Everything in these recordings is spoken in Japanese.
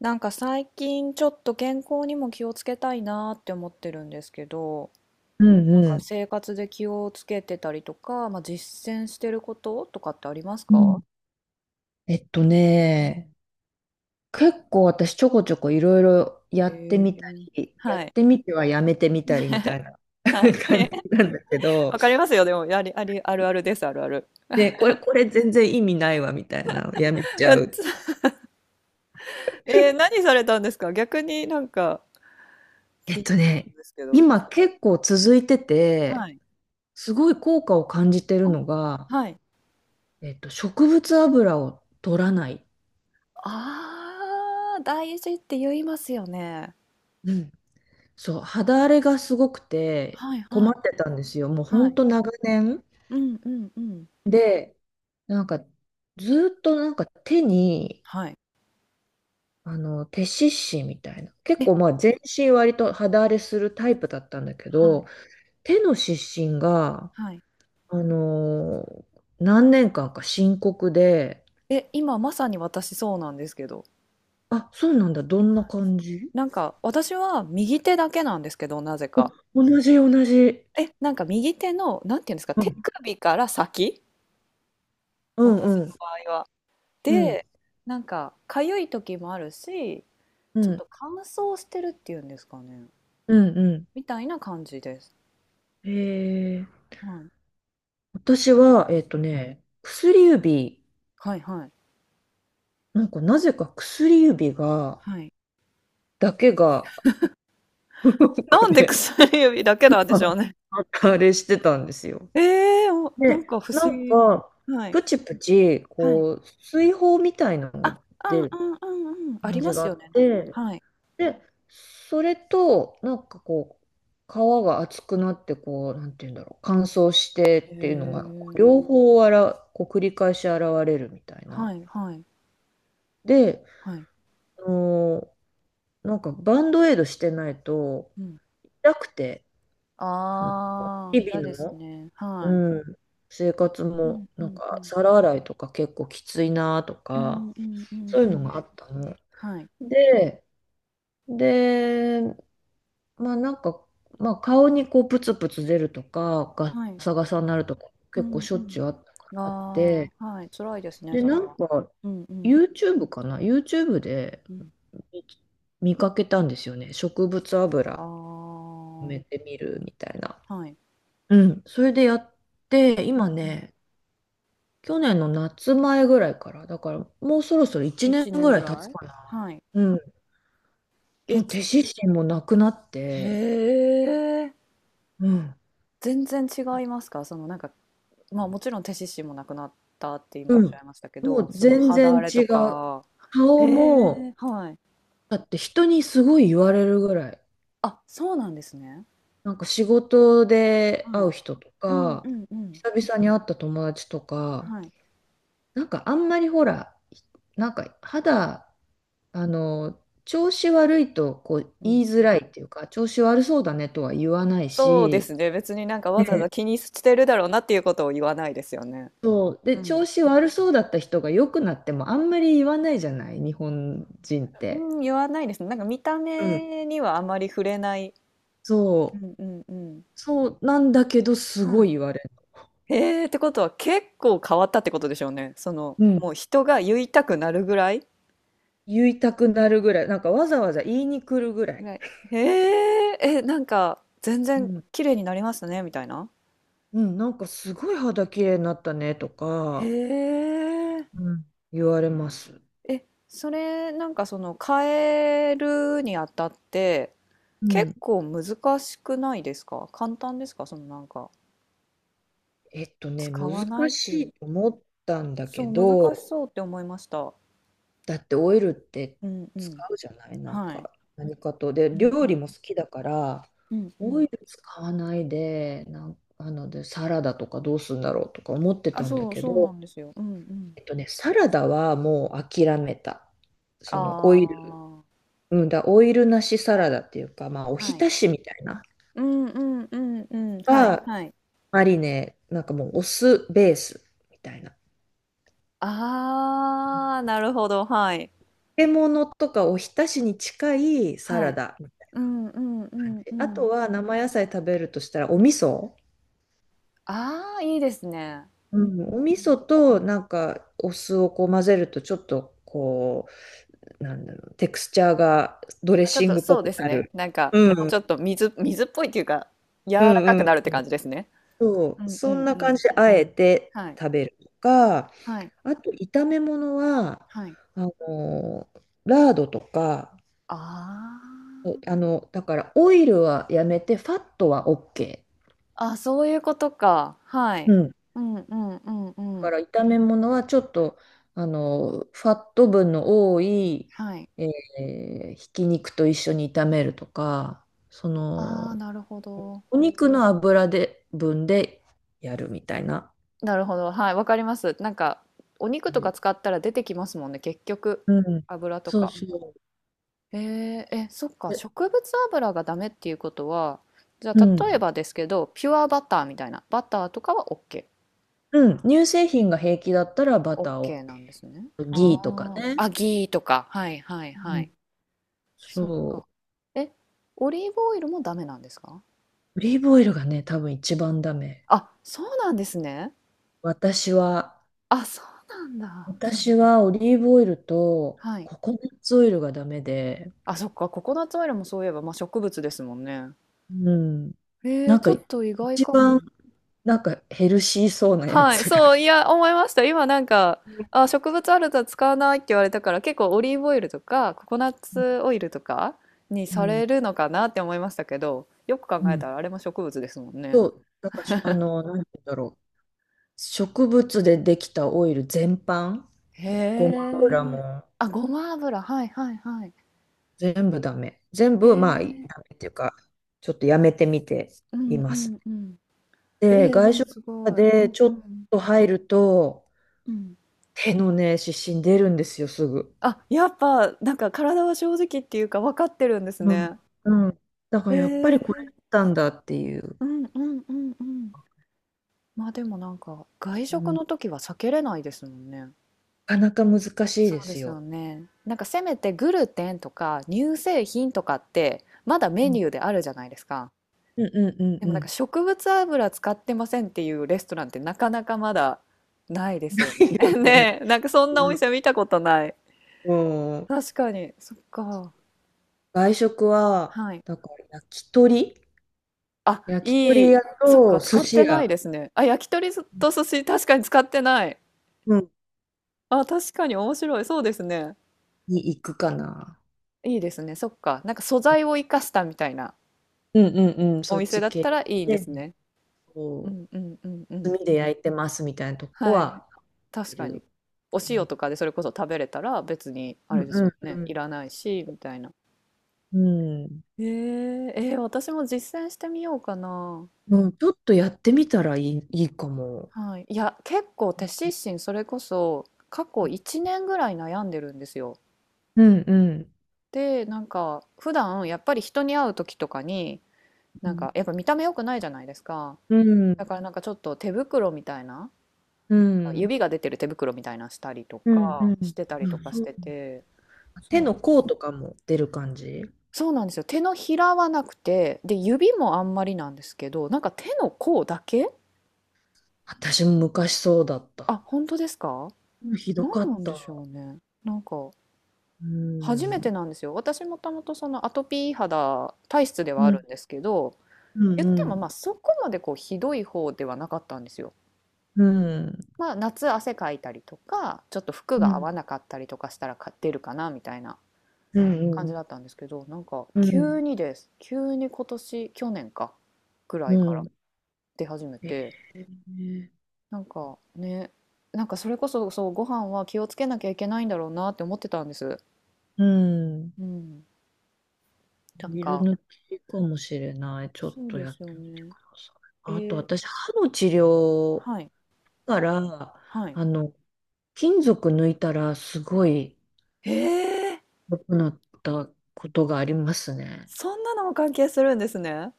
なんか最近ちょっと健康にも気をつけたいなーって思ってるんですけど、うんなんうかん。生活で気をつけてたりとか、まあ、実践してることとかってありますうか？ん。えっとうね、ん。結構私ちょこちょこいろいろやえってみたー、り、やはっい。てみてはやめてみたりみた いな はい。感じなんだけ ど、わかりますよ。でも、あり、あり、あるあるです、あるある。ね、これ全然意味ないわみたいな、やめ ちうゃっう。つ。えー、何されたんですか逆に？なんかえっ気とになるんね、ですけど。今結構続いてて、はい。すごい効果を感じてるあ、のが、はい。植物油を取らない。ああ、大事って言いますよね。うん。そう、肌荒れがすごくてはいは困いってたんですよ。もうほはんい。と長年。うんうんうん。で、なんか、ずーっとなんか手に、はい。手湿疹みたいな。結え、構まあ全身割と肌荒れするタイプだったんだけはい。ど、手の湿疹が、はい。あのー何年間か深刻で、え、今まさに私そうなんですけど、あ、そうなんだ、どんな感じなんか私は右手だけなんですけど、なぜか。同じ同じ。え、なんか右手の、なんていうんですか、う手ん首から先、うん私うのん場合は。うんで、なんか痒い時もあるし、うちょっんと乾燥してるっていうんですかね、うんうみたいな感じです。ん。えー、はい、私は、薬指、はい、はい。なんかなぜか薬指が、はい。だけが、なん なかんでね、薬指だけなんではしょういね。あれしてたんですよ。ええー、お、なで、んか不な思ん議。か、はい、プチプチ、はい。こう、水泡みたいなあ、のがう出んるうんうんうん。あり感まじがすあよね、っなんかて、はい。で、それと、なんかこう、皮が厚くなって、こう、なんていうんだろう、乾燥してへっていうのが、え。両方あら、こう繰り返し現れるみたいな。はいはいで、はい。あのーなんかバンドエイドしてないと、うん。痛くて、うんああ、日嫌で々すのね。はい。うん、生活うんもうなんんうかん。皿洗いとか結構きついなとうかんうんうんそういううのん。があったの。はい。で、で、まあなんか、まあ、顔にこうプツプツ出るとかガはい。サガサになるとかう結構んしょうっちゅうあったかん。あっあてあ、はい、辛いですね、でそれなんは。か うんうん YouTube かな YouTube でうん。見見かけたんですよね植物油あ埋めてみるみたいな。あ、はい。うん、それでやってう今んうん。ね去年の夏前ぐらいから、だからもうそろそろ1年1年ぐらぐい経つらい？かな。はい。うん。そえ、の手つ、指針もなくなっへて、え。うん。全然違いますか？そのなんか、まあもちろん手獅子もなくなったって今うおっしゃん。いましたけもど、うその全肌荒然れ違とう。か、え顔え、も、はい。だって人にすごい言われるぐらい。あ、そうなんですね。なんか仕事では会い。う人とうんか、うんうん。久々に会った友達とか、はい。なんかあんまりほら、なんか肌、調子悪いとこうう言んいうづん。らいっていうか、調子悪そうだねとは言わないそうでし、すね。別になんかわざわざね気にしてるだろうなっていうことを言わないですよね。そう。で、うん。調子悪そうだった人が良くなってもあんまり言わないじゃない、日本人って。うん、言わないですね。なんか見たうん。目にはあまり触れない。うそう。んうんうん。そうなんだけど、すはごい。い言われる。ええ、ってことは結構変わったってことでしょうね。その、うん。もう人が言いたくなるぐらい言いたくなるぐらい。なんかわざわざ言いに来るぐらい。偉い。へえ、え、なんか、全う然ん。綺麗になりましたね、みたいな。うん、なんかすごい肌綺麗になったねとへか、え、うん、言われます。え、それ、なんかその、変えるにあたって、う結ん。構難しくないですか？簡単ですか？そのなんか、使わ難ないってしいう。いと思ったんだけそう、難ど、しそうって思いました。だってオイルってうんう使ん。うじゃない、なんはい。か何かと。うで、んう料理ん。も好きだから、うんうオイん。ル使わないで、なんあので、サラダとかどうするんだろうとか思ってあ、たんだそう、けそうなど、んですよ。うんうん。サラダはもう諦めた。あそのオイル、あ、うんだ、オイルなしサラダっていうか、まあ、おはひい。たしみたいな、うんうんうんうん。はいははい。マリネ、なんかもうお酢ベースみたいな。ああ、なるほど、はい。漬物とかおひたしに近いサはラい。ダみたいうんうんうな感んじ。うあん。とは生野菜食べるとしたらお味噌。ああ、いいですね。ううんうん。ん、お味噌となんかお酢をこう混ぜるとちょっとこうなんだろうテクスチャーがドレッあ、ちょっシンとグっぽそうでくすなね。る。なんか、うん、もううちんょっと水水っぽいっていうか、柔うらかんくうん。なるって感じですね。そうう、んうそんんなう感ん。じであえてはい。食べるとか、はい。あと炒め物ははい。あのラードとか、あおだからオイルはやめてファットは OK。あ。あ、そういうことか。はうい。んうんうんうんだうかん。ら炒め物はちょっとファット分の多い、はい。えひき肉と一緒に炒めるとかそああ、のなるほど。お肉の油で分でやるみたいな。なるほど、はい、わかります。なんか、お肉とかね使ったら出てきますもんね、結局。うん、油とそうか。そえー、え、そっか、う。で植物油がダメっていうことは、じゃうあ例えん、ばですけど、ピュアバターみたいな、バターとかは OK。うん、乳製品が平気だったらバターを OK なんですね。ギあーとかあ、ね。アギーとか。はいはいうはん、い。そっか。そう。え、オリーブオイルもダメなんですか？オリーブオイルがね、多分一番ダメ。あ、そうなんですね。私はあ、そうなんだ。私はオリーブオイルとはい。ココナッツオイルがダメで、あ、そっか、ココナッツオイルもそういえば、まあ、植物ですもんね。うん。えなー、んちかょっと意外一か番も。なんかヘルシーそうなやはい、つが。そう、いや、思いました。今なんか、あ、植物あると使わないって言われたから、結構オリーブオイルとか、ココナッツオイルとかにうさん。れるのかなって思いましたけど、よく考うえん。たらあれも植物ですもんね。と、なんかしなんて言うんだろう。植物でできたオイル全般、へごま油え。もあ、ごま油。はいはいはい。全部ダメ。全へ部、まあ、ダメえ。っていうか、ちょっとやめてみてういんうます。んうん。えで、ー、で外も食すごい。うでんちょうっんと入ると、うん。手のね、湿疹出るんですよ、すぐ。あ、やっぱ、なんか体は正直っていうか分かってるんですうん。ね。うん。だかえらやっぱー、りこれだったんだっていう。うんうんうんうん。まあでもなんか外う食ん。の時は避けれないですもんね。なかなか難しいそでうですすよよ。ね。なんかせめてグルテンとか乳製品とかってまだうメん。ニューであるじゃないですか。うんうんうでんもなうんかん 植物油使ってませんっていうレストランってなかなかまだないですよ ね。いよ ね。ねえ、なんかそんなおうん。店見たことない。うん確かに、そっか。外食は、はい。だから焼き鳥あ、焼き鳥い屋い。そっとか、使寿っ司てない屋、ですね。あ、焼き鳥と寿司、確かに使ってない。うん、あ、確かに面白い。そうですね。に行くかな。いいですね。そっか。なんか素材を生かしたみたいなうんうんうん、おそっ店ちだっ系たらいいでで、すね。うこんうんうんうう、ん。炭で焼いてますみたいなとこはい。は、い確かに。る。おう塩んとかでそれこそ食べれたら別にあうれですもんんうね。ん。いらないし、みたいな。うん。えー、えー私も実践してみようかな。うん、ちょっとやってみたらいいかも。はい。いや、結構手湿疹それこそ過去1年ぐらい悩んでるんですよ。うんうんで、なんか普段やっぱり人に会う時とかに、なんかやっぱ見た目良くないじゃないですか。うんうだんからなんかちょっと手袋みたいな。うなんかん指が出てる手袋みたいなのしたりとうかんうしんてたりうとんかしそうてて、そう手なんのです甲よ。とかも出る感じそうなんですよ。手のひらはなくて、で、指もあんまりなんですけど、なんか手の甲だけ。私も昔そうだっあ、た。本当ですか？うんひどか何っなんでした。ょうね。なんか、う初めてん。なんですよ。私もともとそのアトピー肌体質ではうあるんんですけど、うん言っうてん。もまあそこまでこうひどい方ではなかったんですよ。うんまあ夏汗かいたりとか、ちょっと服うが合んわなかったりとかしたらか出るかなみたいなう感じんだったんですけど、なんかう急んにです。急に今年、去年か、ぐらういからん。出始めえて、ー、なんかね、なんかそれこそ、そう、ご飯は気をつけなきゃいけないんだろうなって思ってたんです。うん。うん。なんビルか、抜きかもしれない。ちょっそうとでやっすよてみてくね。ださい。えあとー、私、歯の治療はい、から、はい。あの、金属抜いたらすごいええ、良くなったことがありますね。そんなのも関係するんですね。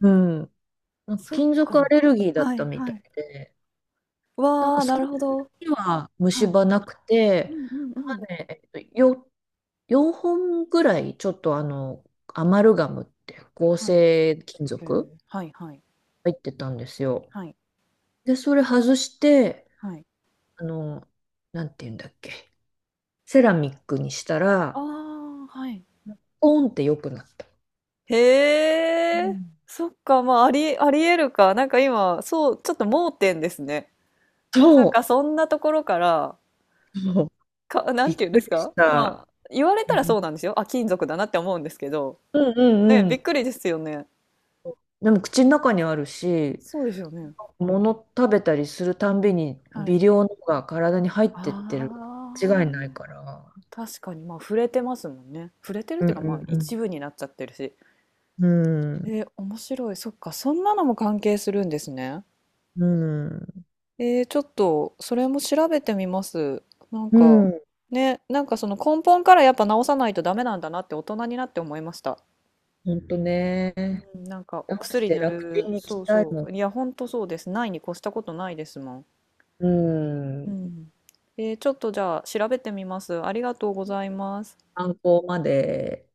うん。なんかそっ金属アか。レルギーだっはたいみたはい。いで、なんわかあ、そなのるほど。時は虫はい。歯なくうて、んうんう歯ん。ね、4、本ぐらいちょっとアマルガムって合はい。成金へ属え。はいはい。入ってたんですよ。はい。で、それ外して、はい。あの、なんて言うんだっけ、セラミックにしたあら、あ、はい。ポンって良くなった。うへえ、んそっか、まあ、ありえるか。なんか今、そう、ちょっと盲点ですね。まさかそそんなところから、う、そう か、なびんって言うんでくすりしか、また。あ、言われうたらんそうなんですよ。あ、金属だなって思うんですけど。うんうね、んうびっん。くりですよね。でも口の中にあるし、そうですよね。物食べたりするたんびには微い。量のが体に入ってっあてる。違いないあ、から。確かに、まあ、触れてますもんね。触れてるっうんていうか、まあ、うん一部になっちゃってるし。うん。うえん。ー面白い。そっか、そんなのも関係するんですね。うん。えー、ちょっと、それも調べてみます。なんうか、んね、なんかその根本からやっぱ治さないとダメなんだなって大人になって思いました。ほんとね。うん、なんかお直し薬て塗楽天る、に行きそうたいそもん。う。いや、ほんとそうです。ないに越したことないですもん。ううん。ん。えー、ちょっとじゃあ調べてみます。ありがとうございます。観光まで。